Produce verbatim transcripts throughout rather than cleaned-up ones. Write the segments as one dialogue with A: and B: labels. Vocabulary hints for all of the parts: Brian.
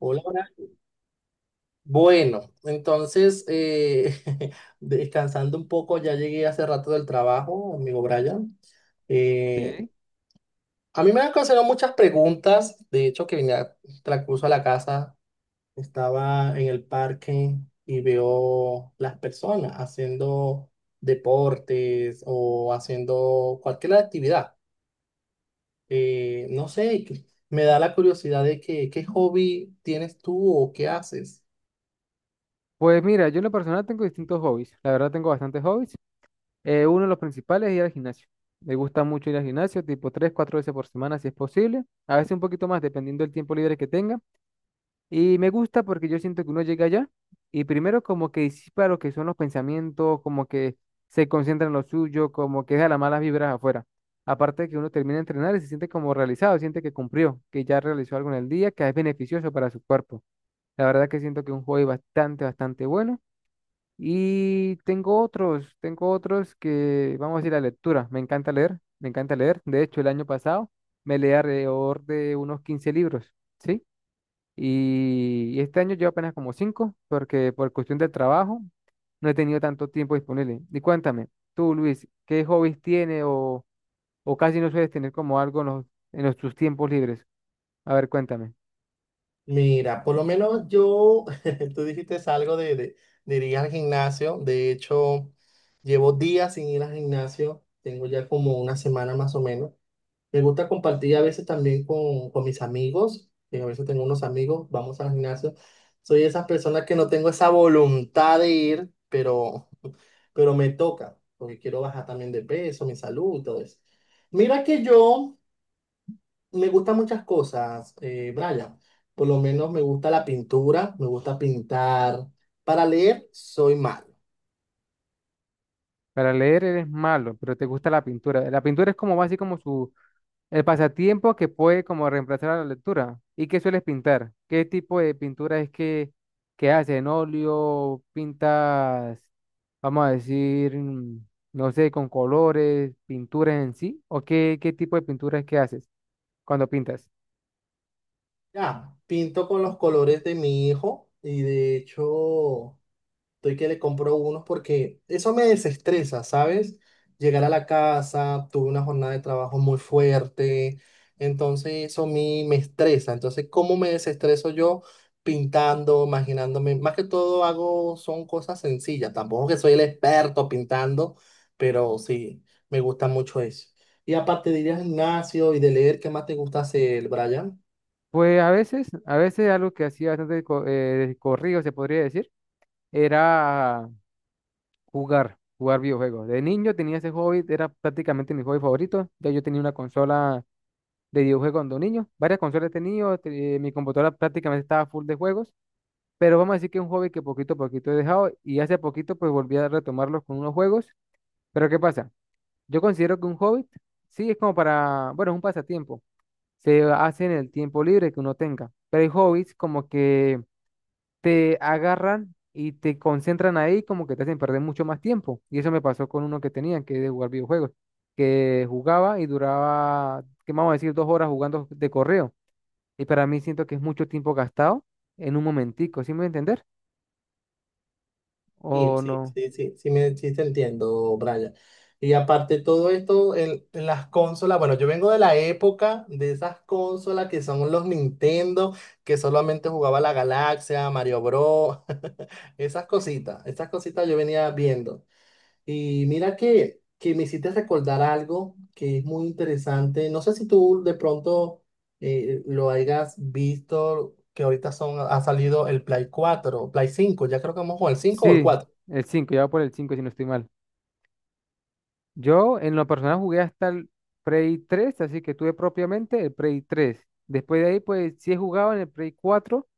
A: Hola, hola. Bueno, entonces, eh, descansando un poco, ya llegué hace rato del trabajo, amigo Brian. Eh,
B: Sí.
A: a mí me han ocasionado muchas preguntas, de hecho, que vine a transcurso a la casa, estaba en el parque y veo las personas haciendo deportes o haciendo cualquier actividad. Eh, no sé, que- me da la curiosidad de que, qué hobby tienes tú o qué haces.
B: Pues mira, yo en lo personal tengo distintos hobbies. La verdad tengo bastantes hobbies. Eh, uno de los principales es ir al gimnasio. Me gusta mucho ir al gimnasio, tipo tres, cuatro veces por semana si es posible. A veces un poquito más, dependiendo del tiempo libre que tenga. Y me gusta porque yo siento que uno llega allá y primero como que disipa lo que son los pensamientos, como que se concentra en lo suyo, como que deja las malas vibras afuera. Aparte de que uno termina de entrenar y se siente como realizado, siente que cumplió, que ya realizó algo en el día, que es beneficioso para su cuerpo. La verdad que siento que es un hobby bastante, bastante bueno. Y tengo otros, tengo otros que, vamos a decir, la lectura. Me encanta leer, me encanta leer. De hecho, el año pasado me leí alrededor de unos quince libros, ¿sí? Y, y este año llevo apenas como cinco porque por cuestión del trabajo no he tenido tanto tiempo disponible. Y cuéntame, tú, Luis, ¿qué hobbies tiene o, o casi no sueles tener como algo en los, en los- tus tiempos libres? A ver, cuéntame.
A: Mira, por lo menos yo, tú dijiste algo de, de, de ir al gimnasio. De hecho, llevo días sin ir al gimnasio. Tengo ya como una semana más o menos. Me gusta compartir a veces también con, con mis amigos. Que a veces tengo unos amigos, vamos al gimnasio. Soy esas personas que no tengo esa voluntad de ir, pero, pero me toca, porque quiero bajar también de peso, mi salud, todo eso. Mira que yo me gustan muchas cosas, eh, Brian. Por lo menos me gusta la pintura, me gusta pintar. Para leer soy malo.
B: Para leer eres malo, pero te gusta la pintura. La pintura es como más así como su el pasatiempo que puede como reemplazar a la lectura. ¿Y qué sueles pintar? ¿Qué tipo de pintura es que, que haces? ¿En óleo? ¿Pintas, vamos a decir, mm, no sé, con colores, pinturas en sí? ¿O qué, qué tipo de pintura es que haces cuando pintas?
A: Ya, pinto con los colores de mi hijo y de hecho, estoy que le compro unos porque eso me desestresa, ¿sabes? Llegar a la casa, tuve una jornada de trabajo muy fuerte, entonces eso a mí me estresa. Entonces, ¿cómo me desestreso yo? Pintando, imaginándome. Más que todo hago, son cosas sencillas. Tampoco que soy el experto pintando, pero sí, me gusta mucho eso. Y aparte de ir al gimnasio y de leer, ¿qué más te gusta hacer, Brian?
B: Pues a veces, a veces algo que hacía bastante co- eh, de corrido, se podría decir, era jugar, jugar videojuegos. De niño tenía ese hobby, era prácticamente mi hobby favorito. Ya yo tenía una consola de videojuegos cuando niño, varias consolas he tenido, te- eh, mi computadora prácticamente estaba full de juegos, pero vamos a decir que es un hobby que poquito a poquito he dejado y hace poquito pues volví a retomarlos con unos juegos, pero ¿qué pasa? Yo considero que un hobby, sí, es como para, bueno, es un pasatiempo, se hace en el tiempo libre que uno tenga, pero hay hobbies como que te agarran y te concentran ahí como que te hacen perder mucho más tiempo y eso me pasó con uno que tenía, que es de jugar videojuegos, que jugaba y duraba, que vamos a decir, dos horas jugando de correo y para mí siento que es mucho tiempo gastado en un momentico, ¿sí me voy a entender?
A: Sí,
B: ¿O
A: sí,
B: no?
A: sí, sí, sí, me, sí te entiendo, Brian. Y aparte de todo esto, en, en las consolas, bueno, yo vengo de la época de esas consolas que son los Nintendo, que solamente jugaba la Galaxia, Mario Bros, esas cositas, esas cositas yo venía viendo. Y mira que, que me hiciste recordar algo que es muy interesante. No sé si tú de pronto eh, lo hayas visto, que ahorita son, ha salido el Play cuatro, Play cinco, ya creo que vamos con el cinco o el
B: Sí,
A: cuatro.
B: el cinco ya voy por el cinco si no estoy mal. Yo en lo personal jugué hasta el Prey tres, así que tuve propiamente el Prey tres. Después de ahí, pues sí he jugado en el Prey cuatro,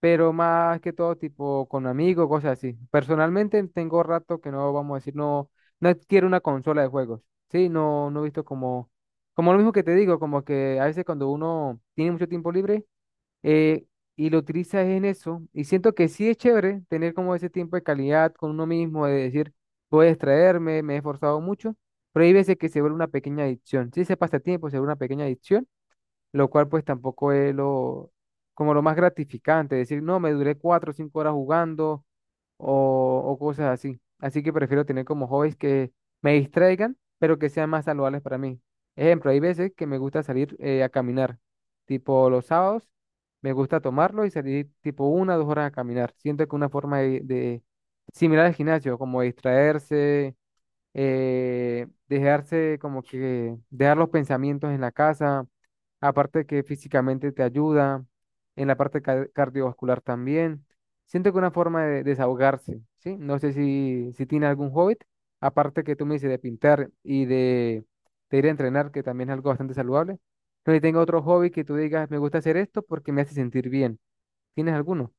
B: pero más que todo tipo con amigos, cosas así. Personalmente tengo rato que no, vamos a decir, no, no adquiero una consola de juegos. Sí, no, no he visto como, como, lo mismo que te digo, como que a veces cuando uno tiene mucho tiempo libre eh, y lo utilizas en eso. Y siento que sí es chévere tener como ese tiempo de calidad con uno mismo, de decir, voy a distraerme, me he esforzado mucho, pero hay veces que se vuelve una pequeña adicción. Si ese pasatiempo se vuelve una pequeña adicción, lo cual pues tampoco es lo, como lo más gratificante, decir, no, me duré cuatro o cinco horas jugando, o, o cosas así. Así que prefiero tener como hobbies que me distraigan, pero que sean más saludables para mí. Ejemplo, hay veces que me gusta salir eh, a caminar, tipo los sábados, me gusta tomarlo y salir tipo una o dos horas a caminar. Siento que una forma de, de- similar al gimnasio, como distraerse, eh, dejarse como que dejar los pensamientos en la casa, aparte que físicamente te ayuda, en la parte ca- cardiovascular también. Siento que una forma de desahogarse, ¿sí? No sé si, si tiene algún hobby, aparte que tú me dices de pintar y de, de ir a entrenar, que también es algo bastante saludable. No sé si tengo otro hobby que tú digas, me gusta hacer esto porque me hace sentir bien. ¿Tienes alguno?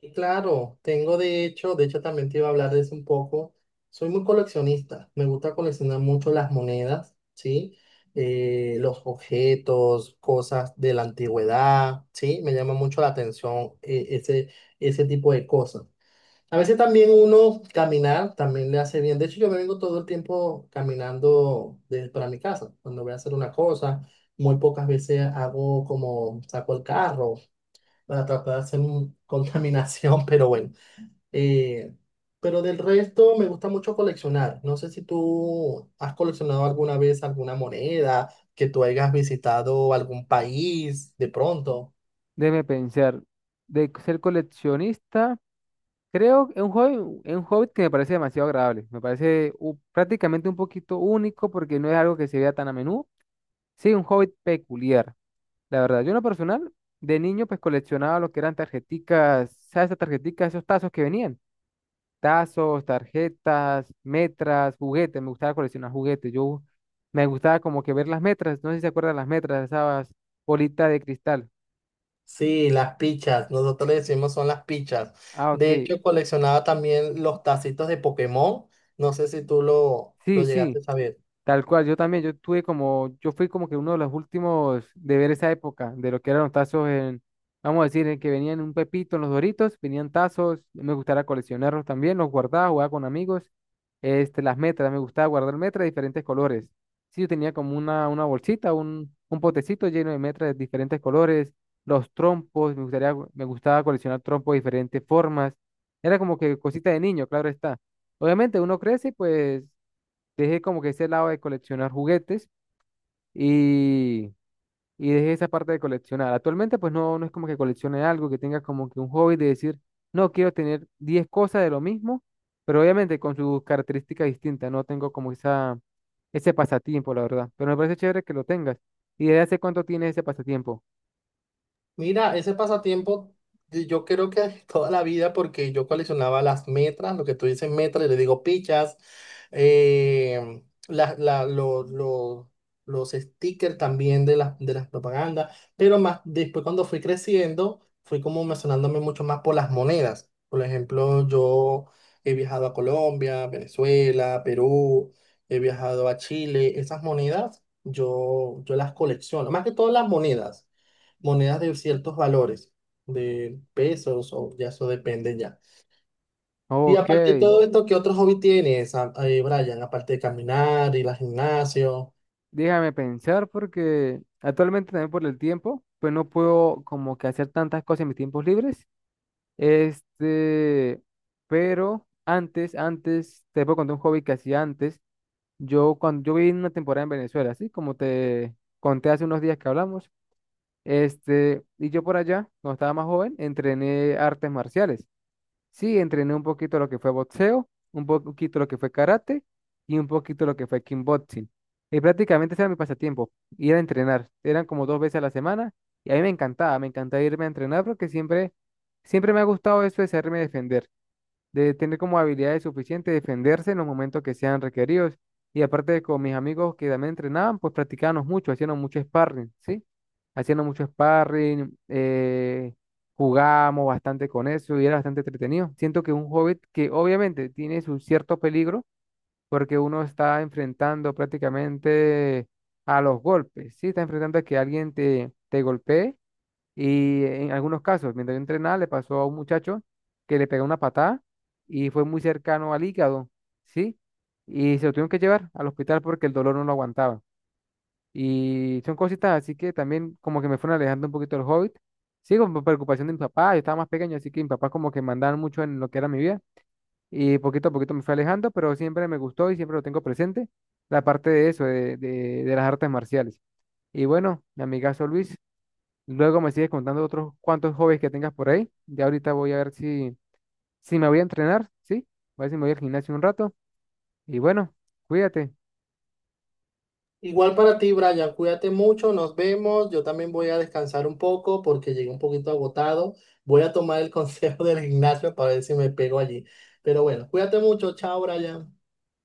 A: Y claro, tengo de hecho, de hecho también te iba a hablar de eso un poco. Soy muy coleccionista, me gusta coleccionar mucho las monedas, ¿sí? Eh, los objetos, cosas de la antigüedad, ¿sí? Me llama mucho la atención eh, ese, ese tipo de cosas. A veces también uno caminar también le hace bien. De hecho, yo me vengo todo el tiempo caminando de- para mi casa. Cuando voy a hacer una cosa, muy pocas veces hago como saco el carro para tratar de hacer un- contaminación, pero bueno. Eh, pero del resto me gusta mucho coleccionar. No sé si tú has coleccionado alguna vez alguna moneda, que tú hayas visitado algún país de pronto.
B: Déjeme pensar. De ser coleccionista. Creo que es un hobby, es un hobby que me parece demasiado agradable. Me parece u- prácticamente un poquito único porque no es algo que se vea tan a menudo. Sí, un hobby peculiar. La verdad, yo en lo personal, de niño, pues coleccionaba lo que eran tarjeticas, ¿sabes? Esas tarjeticas, esos tazos que venían. Tazos, tarjetas, metras, juguetes. Me gustaba coleccionar juguetes. Yo me gustaba como que ver las metras. No sé si se acuerdan las metras, esas bolitas de cristal.
A: Sí, las pichas, nosotros le decimos son las pichas.
B: Ah,
A: De
B: ok.
A: hecho, coleccionaba también los tacitos de Pokémon. No sé si tú lo, lo
B: Sí,
A: llegaste
B: sí.
A: a saber.
B: Tal cual, yo también, yo tuve como, yo fui como que uno de los últimos de ver esa época, de lo que eran los tazos en, vamos a decir, en que venían un pepito en los Doritos, venían tazos, me gustaba coleccionarlos también, los guardaba, jugaba con amigos, este, las metras, me gustaba guardar metras de diferentes colores. Sí, yo tenía como una, una bolsita, un, un potecito lleno de metras de diferentes colores, los trompos, me gustaría, me gustaba coleccionar trompos de diferentes formas, era como que cosita de niño, claro está. Obviamente uno crece, pues dejé como que ese lado de coleccionar juguetes y, y dejé esa parte de coleccionar. Actualmente pues no, no es como que coleccione algo, que tenga como que un hobby de decir, no, quiero tener diez cosas de lo mismo, pero obviamente con sus características distintas, no tengo como esa, ese pasatiempo, la verdad, pero me parece chévere que lo tengas. ¿Y desde hace cuánto tienes ese pasatiempo?
A: Mira, ese pasatiempo de- yo creo que toda la vida porque yo coleccionaba las metras, lo que tú dices metras, yo le digo pichas, eh, la- la- lo- lo- los stickers también de las, de las propagandas, pero más después cuando fui creciendo fui como mencionándome mucho más por las monedas. Por ejemplo, yo he viajado a Colombia, Venezuela, Perú, he viajado a Chile, esas monedas yo, yo las colecciono, más que todas las monedas monedas de ciertos valores, de pesos o ya eso depende ya. Y
B: Ok,
A: aparte de todo esto, ¿qué otro hobby tienes, a- eh, Brian? Aparte de caminar, ir al gimnasio.
B: déjame pensar porque actualmente también por el tiempo, pues no puedo como que hacer tantas cosas en mis tiempos libres. Este, pero antes, antes, te puedo contar un hobby que hacía antes. Yo cuando yo viví una temporada en Venezuela, así como te conté hace unos días que hablamos. Este, y yo por allá, cuando estaba más joven, entrené artes marciales. Sí, entrené un poquito lo que fue boxeo, un po poquito lo que fue karate y un poquito lo que fue kickboxing. Y prácticamente ese era mi pasatiempo, ir a entrenar. Eran como dos veces a la semana y a mí me encantaba, me encantaba irme a entrenar porque siempre, siempre me ha gustado eso de saberme defender, de tener como habilidades suficientes, defenderse en los momentos que sean requeridos. Y aparte de con mis amigos que también entrenaban, pues practicábamos mucho, hacíamos mucho sparring, ¿sí? Haciendo mucho sparring, eh, jugábamos bastante con eso y era bastante entretenido. Siento que un hobbit que obviamente tiene su cierto peligro, porque uno está enfrentando prácticamente a los golpes, ¿sí? Está enfrentando a que alguien te, te golpee y en algunos casos, mientras yo entrenaba, le pasó a un muchacho que le pegó una patada y fue muy cercano al hígado, ¿sí? Y se lo tuvieron que llevar al hospital porque el dolor no lo aguantaba. Y son cositas así que también como que me fueron alejando un poquito del hobbit. Sí, con preocupación de mi papá, yo estaba más pequeño, así que mi papá como que mandaba mucho en lo que era mi vida. Y poquito a poquito me fue alejando, pero siempre me gustó y siempre lo tengo presente, la parte de eso, de, de, de las artes marciales. Y bueno, mi amigazo Luis, luego me sigues contando otros cuantos hobbies que tengas por ahí. Ya ahorita voy a ver si, si me voy a entrenar, ¿sí? Voy a ver si me voy al gimnasio un rato. Y bueno, cuídate.
A: Igual para ti, Brian, cuídate mucho, nos vemos. Yo también voy a descansar un poco porque llegué un poquito agotado. Voy a tomar el consejo del gimnasio para ver si me pego allí. Pero bueno, cuídate mucho, chao, Brian.